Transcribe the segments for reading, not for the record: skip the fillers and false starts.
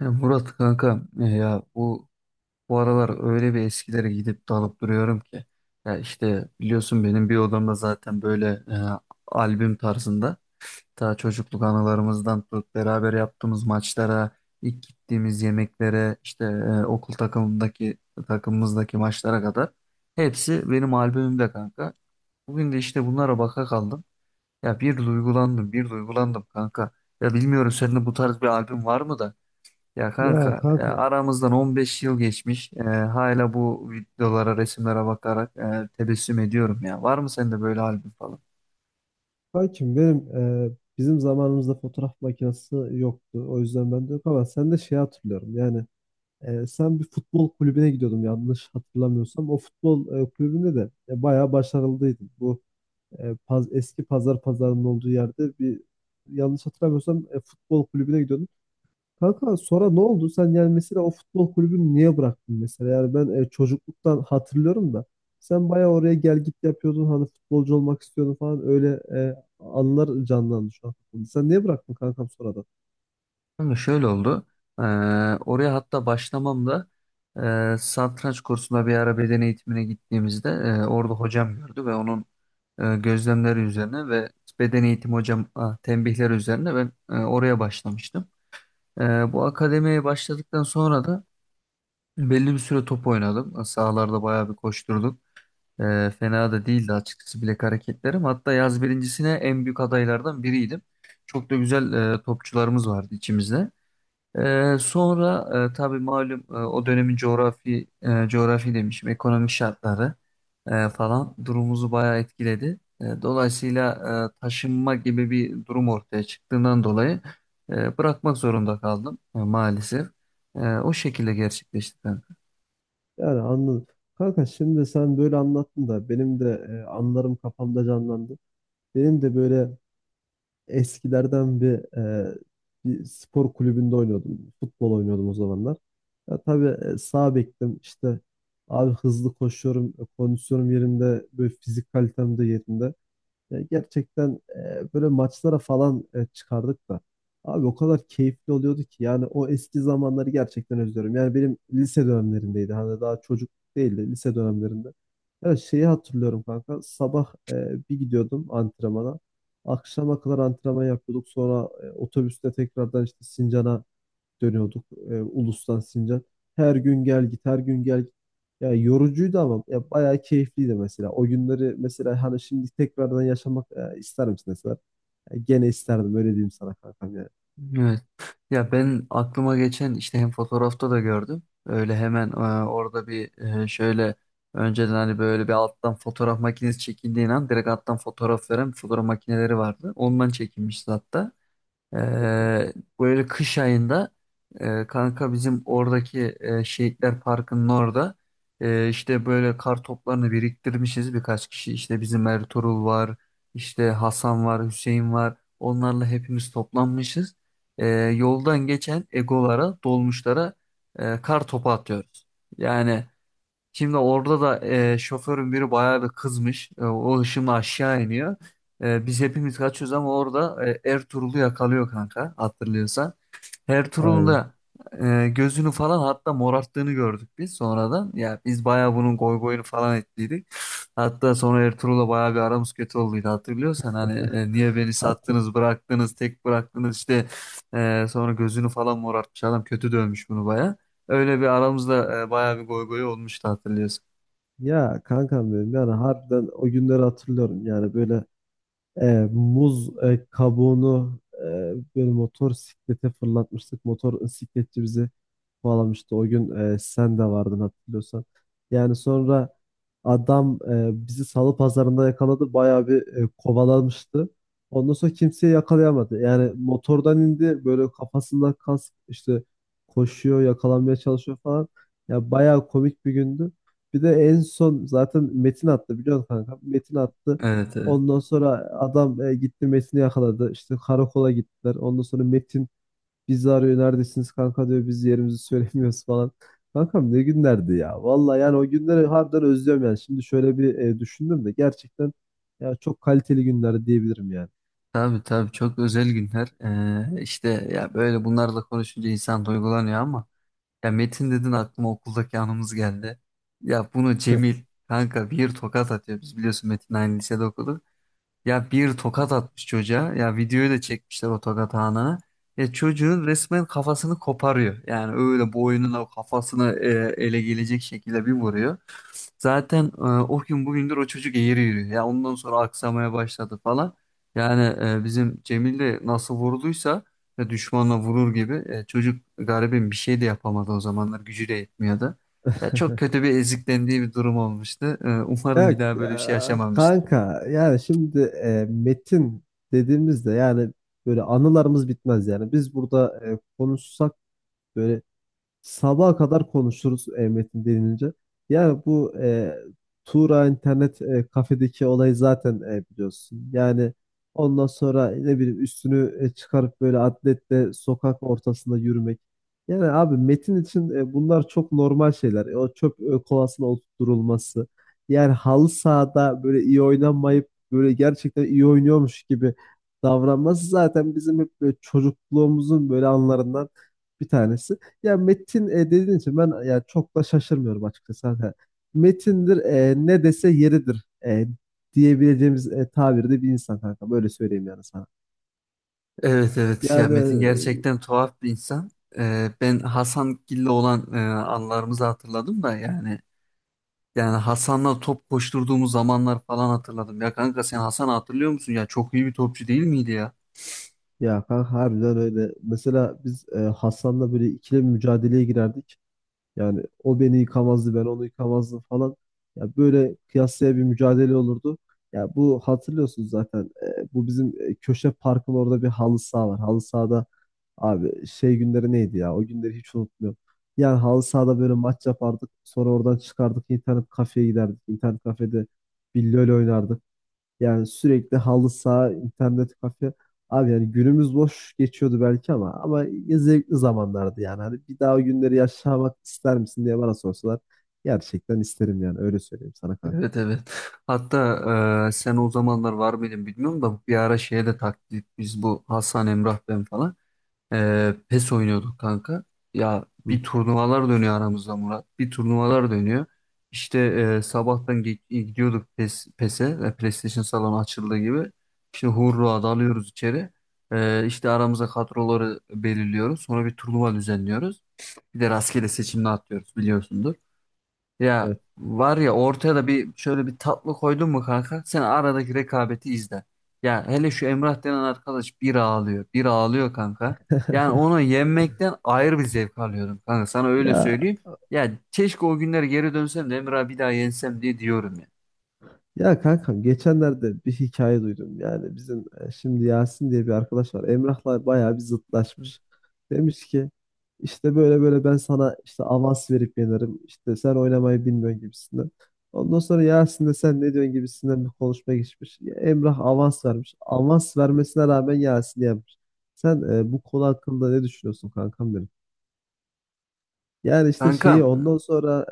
Ya Murat kanka, bu aralar öyle bir eskilere gidip dalıp duruyorum ki ya işte biliyorsun benim bir odamda zaten böyle, albüm tarzında ta çocukluk anılarımızdan tut beraber yaptığımız maçlara ilk gittiğimiz yemeklere işte, okul takımındaki maçlara kadar hepsi benim albümümde kanka. Bugün de işte bunlara baka kaldım. Ya bir duygulandım, bir duygulandım kanka. Ya bilmiyorum senin de bu tarz bir albüm var mı da? Ya Ya kanka e, kanka, aramızdan 15 yıl geçmiş. E, hala bu videolara, resimlere bakarak, tebessüm ediyorum ya. Var mı sende böyle albüm falan? kankim benim e, bizim zamanımızda fotoğraf makinesi yoktu. O yüzden ben de yok ama sen de şey hatırlıyorum. Yani sen bir futbol kulübüne gidiyordum yanlış hatırlamıyorsam. O futbol kulübünde de bayağı başarılıydın. Bu eski pazar pazarının olduğu yerde bir yanlış hatırlamıyorsam futbol kulübüne gidiyordun. Kanka sonra ne oldu? Sen yani mesela o futbol kulübünü niye bıraktın mesela? Yani ben çocukluktan hatırlıyorum da sen bayağı oraya gel git yapıyordun hani futbolcu olmak istiyordun falan öyle anılar canlandı şu an kafamda. Sen niye bıraktın kankam sonradan? Kanka şöyle oldu. E, Oraya hatta başlamamda, satranç kursuna bir ara beden eğitimine gittiğimizde, orada hocam gördü ve onun gözlemleri üzerine ve beden eğitim hocam, tembihleri üzerine ben oraya başlamıştım. Bu akademiye başladıktan sonra da belli bir süre top oynadım. Sahalarda bayağı bir koşturduk. Fena da değildi açıkçası bilek hareketlerim. Hatta yaz birincisine en büyük adaylardan biriydim. Çok da güzel topçularımız vardı içimizde. Sonra tabii malum, o dönemin coğrafi, ekonomik şartları falan durumumuzu bayağı etkiledi. Dolayısıyla taşınma gibi bir durum ortaya çıktığından dolayı bırakmak zorunda kaldım maalesef. O şekilde gerçekleşti. Ben. Yani anladım. Kanka şimdi sen böyle anlattın da benim de anılarım kafamda canlandı. Benim de böyle eskilerden bir, bir spor kulübünde oynuyordum. Futbol oynuyordum o zamanlar. Ya tabii sağ bektim. İşte abi hızlı koşuyorum, kondisyonum yerinde, böyle fizik kalitem de yerinde. Ya gerçekten böyle maçlara falan çıkardık da. Abi o kadar keyifli oluyordu ki yani o eski zamanları gerçekten özlüyorum. Yani benim lise dönemlerindeydi. Hani daha çocuk değildi lise dönemlerinde. Ya şeyi hatırlıyorum kanka. Sabah bir gidiyordum antrenmana. Akşama kadar antrenman yapıyorduk. Sonra otobüste tekrardan işte Sincan'a dönüyorduk Ulus'tan Sincan. Her gün gel git, her gün gel git. Ya yorucuydu ama ya bayağı keyifliydi mesela. O günleri mesela hani şimdi tekrardan yaşamak ister misin mesela? Ya gene isterdim öyle diyeyim sana kankam yani. Evet. Ya ben aklıma geçen işte hem fotoğrafta da gördüm. Öyle hemen, orada bir şöyle önceden hani böyle bir alttan fotoğraf makinesi çekildiği an direkt alttan fotoğraf veren fotoğraf makineleri vardı. Ondan çekilmişti hatta. Okey. Ee, Böyle kış ayında, kanka bizim oradaki Şehitler Parkı'nın orada, işte böyle kar toplarını biriktirmişiz birkaç kişi. İşte bizim Ertuğrul var, işte Hasan var, Hüseyin var. Onlarla hepimiz toplanmışız. Yoldan geçen egolara, dolmuşlara, kar topu atıyoruz. Yani şimdi orada da, şoförün biri bayağı bir kızmış. E, o hışımla aşağı iniyor. E, biz hepimiz kaçıyoruz ama orada, Ertuğrul'u yakalıyor kanka hatırlıyorsan. Ertuğrul'un Aynen. da, gözünü falan hatta morarttığını gördük biz sonradan. Ya biz bayağı bunun goy goyunu falan ettiydik. Hatta sonra Ertuğrul'la bayağı bir aramız kötü olduydu hatırlıyorsan. Hani, niye beni Hatta sattınız bıraktınız tek bıraktınız işte, sonra gözünü falan morartmış adam kötü dövmüş bunu bayağı. Öyle bir aramızda, bayağı bir goy goy olmuştu hatırlıyorsun. ya kankam benim yani harbiden o günleri hatırlıyorum. Yani böyle E, muz kabuğunu böyle motor siklete fırlatmıştık. Motor sikletçi bizi kovalamıştı. O gün sen de vardın hatırlıyorsan. Yani sonra adam bizi salı pazarında yakaladı. Bayağı bir kovalamıştı. Ondan sonra kimseye yakalayamadı. Yani motordan indi, böyle kafasından kask, işte koşuyor yakalanmaya çalışıyor falan. Ya bayağı komik bir gündü. Bir de en son zaten Metin attı biliyorsun kanka. Metin attı. Evet, evet. Ondan sonra adam gitti Metin'i yakaladı. İşte karakola gittiler. Ondan sonra Metin bizi arıyor. Neredesiniz kanka diyor. Biz yerimizi söylemiyoruz falan. Kankam ne günlerdi ya. Vallahi yani o günleri harbiden özlüyorum yani. Şimdi şöyle bir düşündüm de gerçekten ya çok kaliteli günler diyebilirim yani. Tabii, tabii çok özel günler. İşte ya böyle bunlarla konuşunca insan duygulanıyor ama ya Metin dedin aklıma okuldaki anımız geldi. Ya bunu Cemil kanka bir tokat atıyor. Biz biliyorsun Metin aynı lisede okudu. Ya bir tokat atmış çocuğa. Ya videoyu da çekmişler o tokat anını. Ya çocuğun resmen kafasını koparıyor. Yani öyle boynuna kafasını ele gelecek şekilde bir vuruyor. Zaten, o gün bugündür o çocuk eğri yürüyor. Ya ondan sonra aksamaya başladı falan. Yani, bizim Cemil de nasıl vurulduysa düşmanla vurur gibi, çocuk garibim bir şey de yapamadı, o zamanlar gücü de yetmiyordu. Ya çok kötü bir eziklendiği bir durum olmuştu. E, umarım Ya bir daha böyle bir şey yaşamamıştır. kanka yani şimdi metin dediğimizde yani böyle anılarımız bitmez yani. Biz burada konuşsak böyle sabaha kadar konuşuruz metin denilince. Yani bu Tuğra internet kafedeki olayı zaten biliyorsun. Yani ondan sonra ne bileyim üstünü çıkarıp böyle atletle sokak ortasında yürümek. Yani abi metin için bunlar çok normal şeyler. E, o çöp kovasına oturtulması. Yani halı sahada böyle iyi oynanmayıp böyle gerçekten iyi oynuyormuş gibi davranması zaten bizim hep böyle çocukluğumuzun böyle anlarından bir tanesi. Ya Metin dediğin için ben ya çok da şaşırmıyorum açıkçası. Hani Metindir ne dese yeridir diyebileceğimiz tabirde bir insan kanka. Böyle söyleyeyim yani sana. Evet, evet ya Metin Yani gerçekten tuhaf bir insan. Ben Hasan Gil'le olan anılarımızı hatırladım da yani, Hasan'la top koşturduğumuz zamanlar falan hatırladım. Ya kanka sen Hasan'ı hatırlıyor musun? Ya çok iyi bir topçu değil miydi ya? Ya kanka harbiden öyle. Mesela biz Hasan'la böyle ikili bir mücadeleye girerdik. Yani o beni yıkamazdı, ben onu yıkamazdım falan. Ya böyle kıyasıya bir mücadele olurdu. Ya bu hatırlıyorsunuz zaten. Bu bizim köşe parkın orada bir halı saha var. Halı sahada abi şey günleri neydi ya? O günleri hiç unutmuyorum. Yani halı sahada böyle maç yapardık. Sonra oradan çıkardık, internet kafeye giderdik. İnternet kafede bir LoL oynardık. Yani sürekli halı saha, internet kafe. Abi yani günümüz boş geçiyordu belki ama ya zevkli zamanlardı yani. Hani bir daha o günleri yaşamak ister misin diye bana sorsalar gerçekten isterim yani öyle söyleyeyim sana kanka. Evet, evet. Hatta, sen o zamanlar var mıydın bilmiyorum da bir ara şeye de taktik biz bu Hasan, Emrah ben falan. PES oynuyorduk kanka. Ya Hı, bir turnuvalar dönüyor aramızda Murat. Bir turnuvalar dönüyor. İşte sabahtan gidiyorduk PES'e. PlayStation salonu açıldığı gibi. Şimdi Hurra dalıyoruz içeri. İşte aramıza kadroları belirliyoruz. Sonra bir turnuva düzenliyoruz. Bir de rastgele seçimle atlıyoruz biliyorsundur. Ya evet. var ya ortaya da bir şöyle bir tatlı koydun mu kanka sen aradaki rekabeti izle. Ya hele şu Emrah denen arkadaş bir ağlıyor bir ağlıyor kanka. Yani onu yenmekten ayrı bir zevk alıyorum kanka sana öyle Ya söyleyeyim. Ya keşke o günler geri dönsem de Emrah'ı bir daha yensem diye diyorum ya. Ya kankam geçenlerde bir hikaye duydum. Yani bizim şimdi Yasin diye bir arkadaş var. Emrah'la bayağı bir zıtlaşmış. Demiş ki işte böyle ben sana işte avans verip yenerim. İşte sen oynamayı bilmiyorsun gibisinden. Ondan sonra Yasin de sen ne diyorsun gibisinden bir konuşma geçmiş. Ya Emrah avans vermiş. Avans vermesine rağmen Yasin yenmiş. Sen bu konu hakkında ne düşünüyorsun kankam benim? Yani işte Kanka şeyi ondan sonra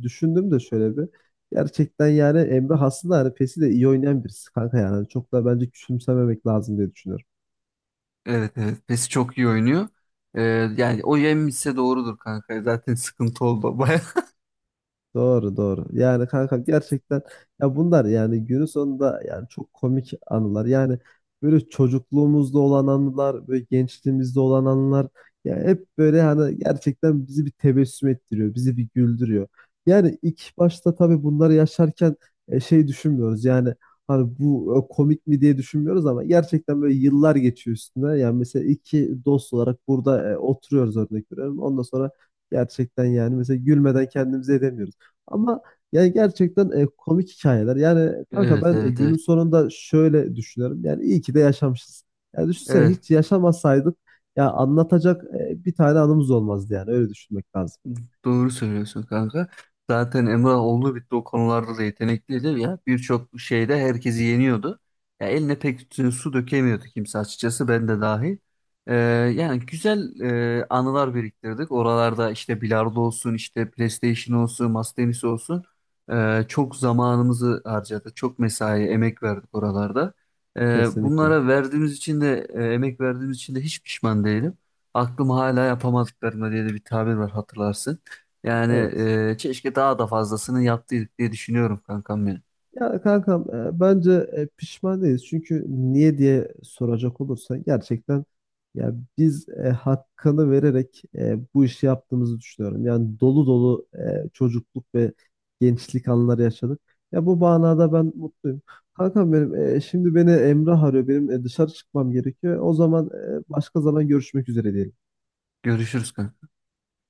düşündüm de şöyle bir. Gerçekten yani Emre aslında hani PES'i de iyi oynayan birisi kanka yani. Hani çok da bence küçümsememek lazım diye düşünüyorum. evet, evet pesi çok iyi oynuyor. Ee, Yani o yenmişse doğrudur kanka, zaten sıkıntı oldu baya. Doğru doğru. Yani kanka gerçekten ya bunlar yani günün sonunda yani çok komik anılar. Yani böyle çocukluğumuzda olan anılar, böyle gençliğimizde olan anılar ya hep böyle hani gerçekten bizi bir tebessüm ettiriyor, bizi bir güldürüyor. Yani ilk başta tabii bunları yaşarken şey düşünmüyoruz. Yani hani bu komik mi diye düşünmüyoruz ama gerçekten böyle yıllar geçiyor üstüne. Yani mesela iki dost olarak burada oturuyoruz örnek veriyorum. Ondan sonra gerçekten yani mesela gülmeden kendimize edemiyoruz. Ama yani gerçekten komik hikayeler. Yani kanka Evet, ben evet, evet. günün sonunda şöyle düşünüyorum. Yani iyi ki de yaşamışız. Yani düşünsene Evet. hiç yaşamasaydık ya anlatacak bir tane anımız olmazdı yani. Öyle düşünmek lazım. Doğru söylüyorsun kanka. Zaten Emrah oldu bitti o konularda da yetenekliydi ya. Birçok şeyde herkesi yeniyordu. Ya eline pek su dökemiyordu kimse açıkçası ben de dahil. Ee, yani güzel anılar biriktirdik. Oralarda işte bilardo olsun, işte PlayStation olsun, masa tenisi olsun. Çok zamanımızı harcadık. Çok mesai, emek verdik oralarda. Kesinlikle. Bunlara verdiğimiz için de, emek verdiğimiz için de hiç pişman değilim, aklım hala yapamadıklarına diye de bir tabir var hatırlarsın. Yani Evet. e, keşke daha da fazlasını yaptıydık diye düşünüyorum kankam benim. Ya kankam bence pişman değiliz. Çünkü niye diye soracak olursan gerçekten ya biz hakkını vererek bu işi yaptığımızı düşünüyorum. Yani dolu dolu çocukluk ve gençlik anları yaşadık. Ya bu manada ben mutluyum. Kankam benim şimdi beni Emrah arıyor. Benim dışarı çıkmam gerekiyor. O zaman başka zaman görüşmek üzere diyelim. Görüşürüz kankam.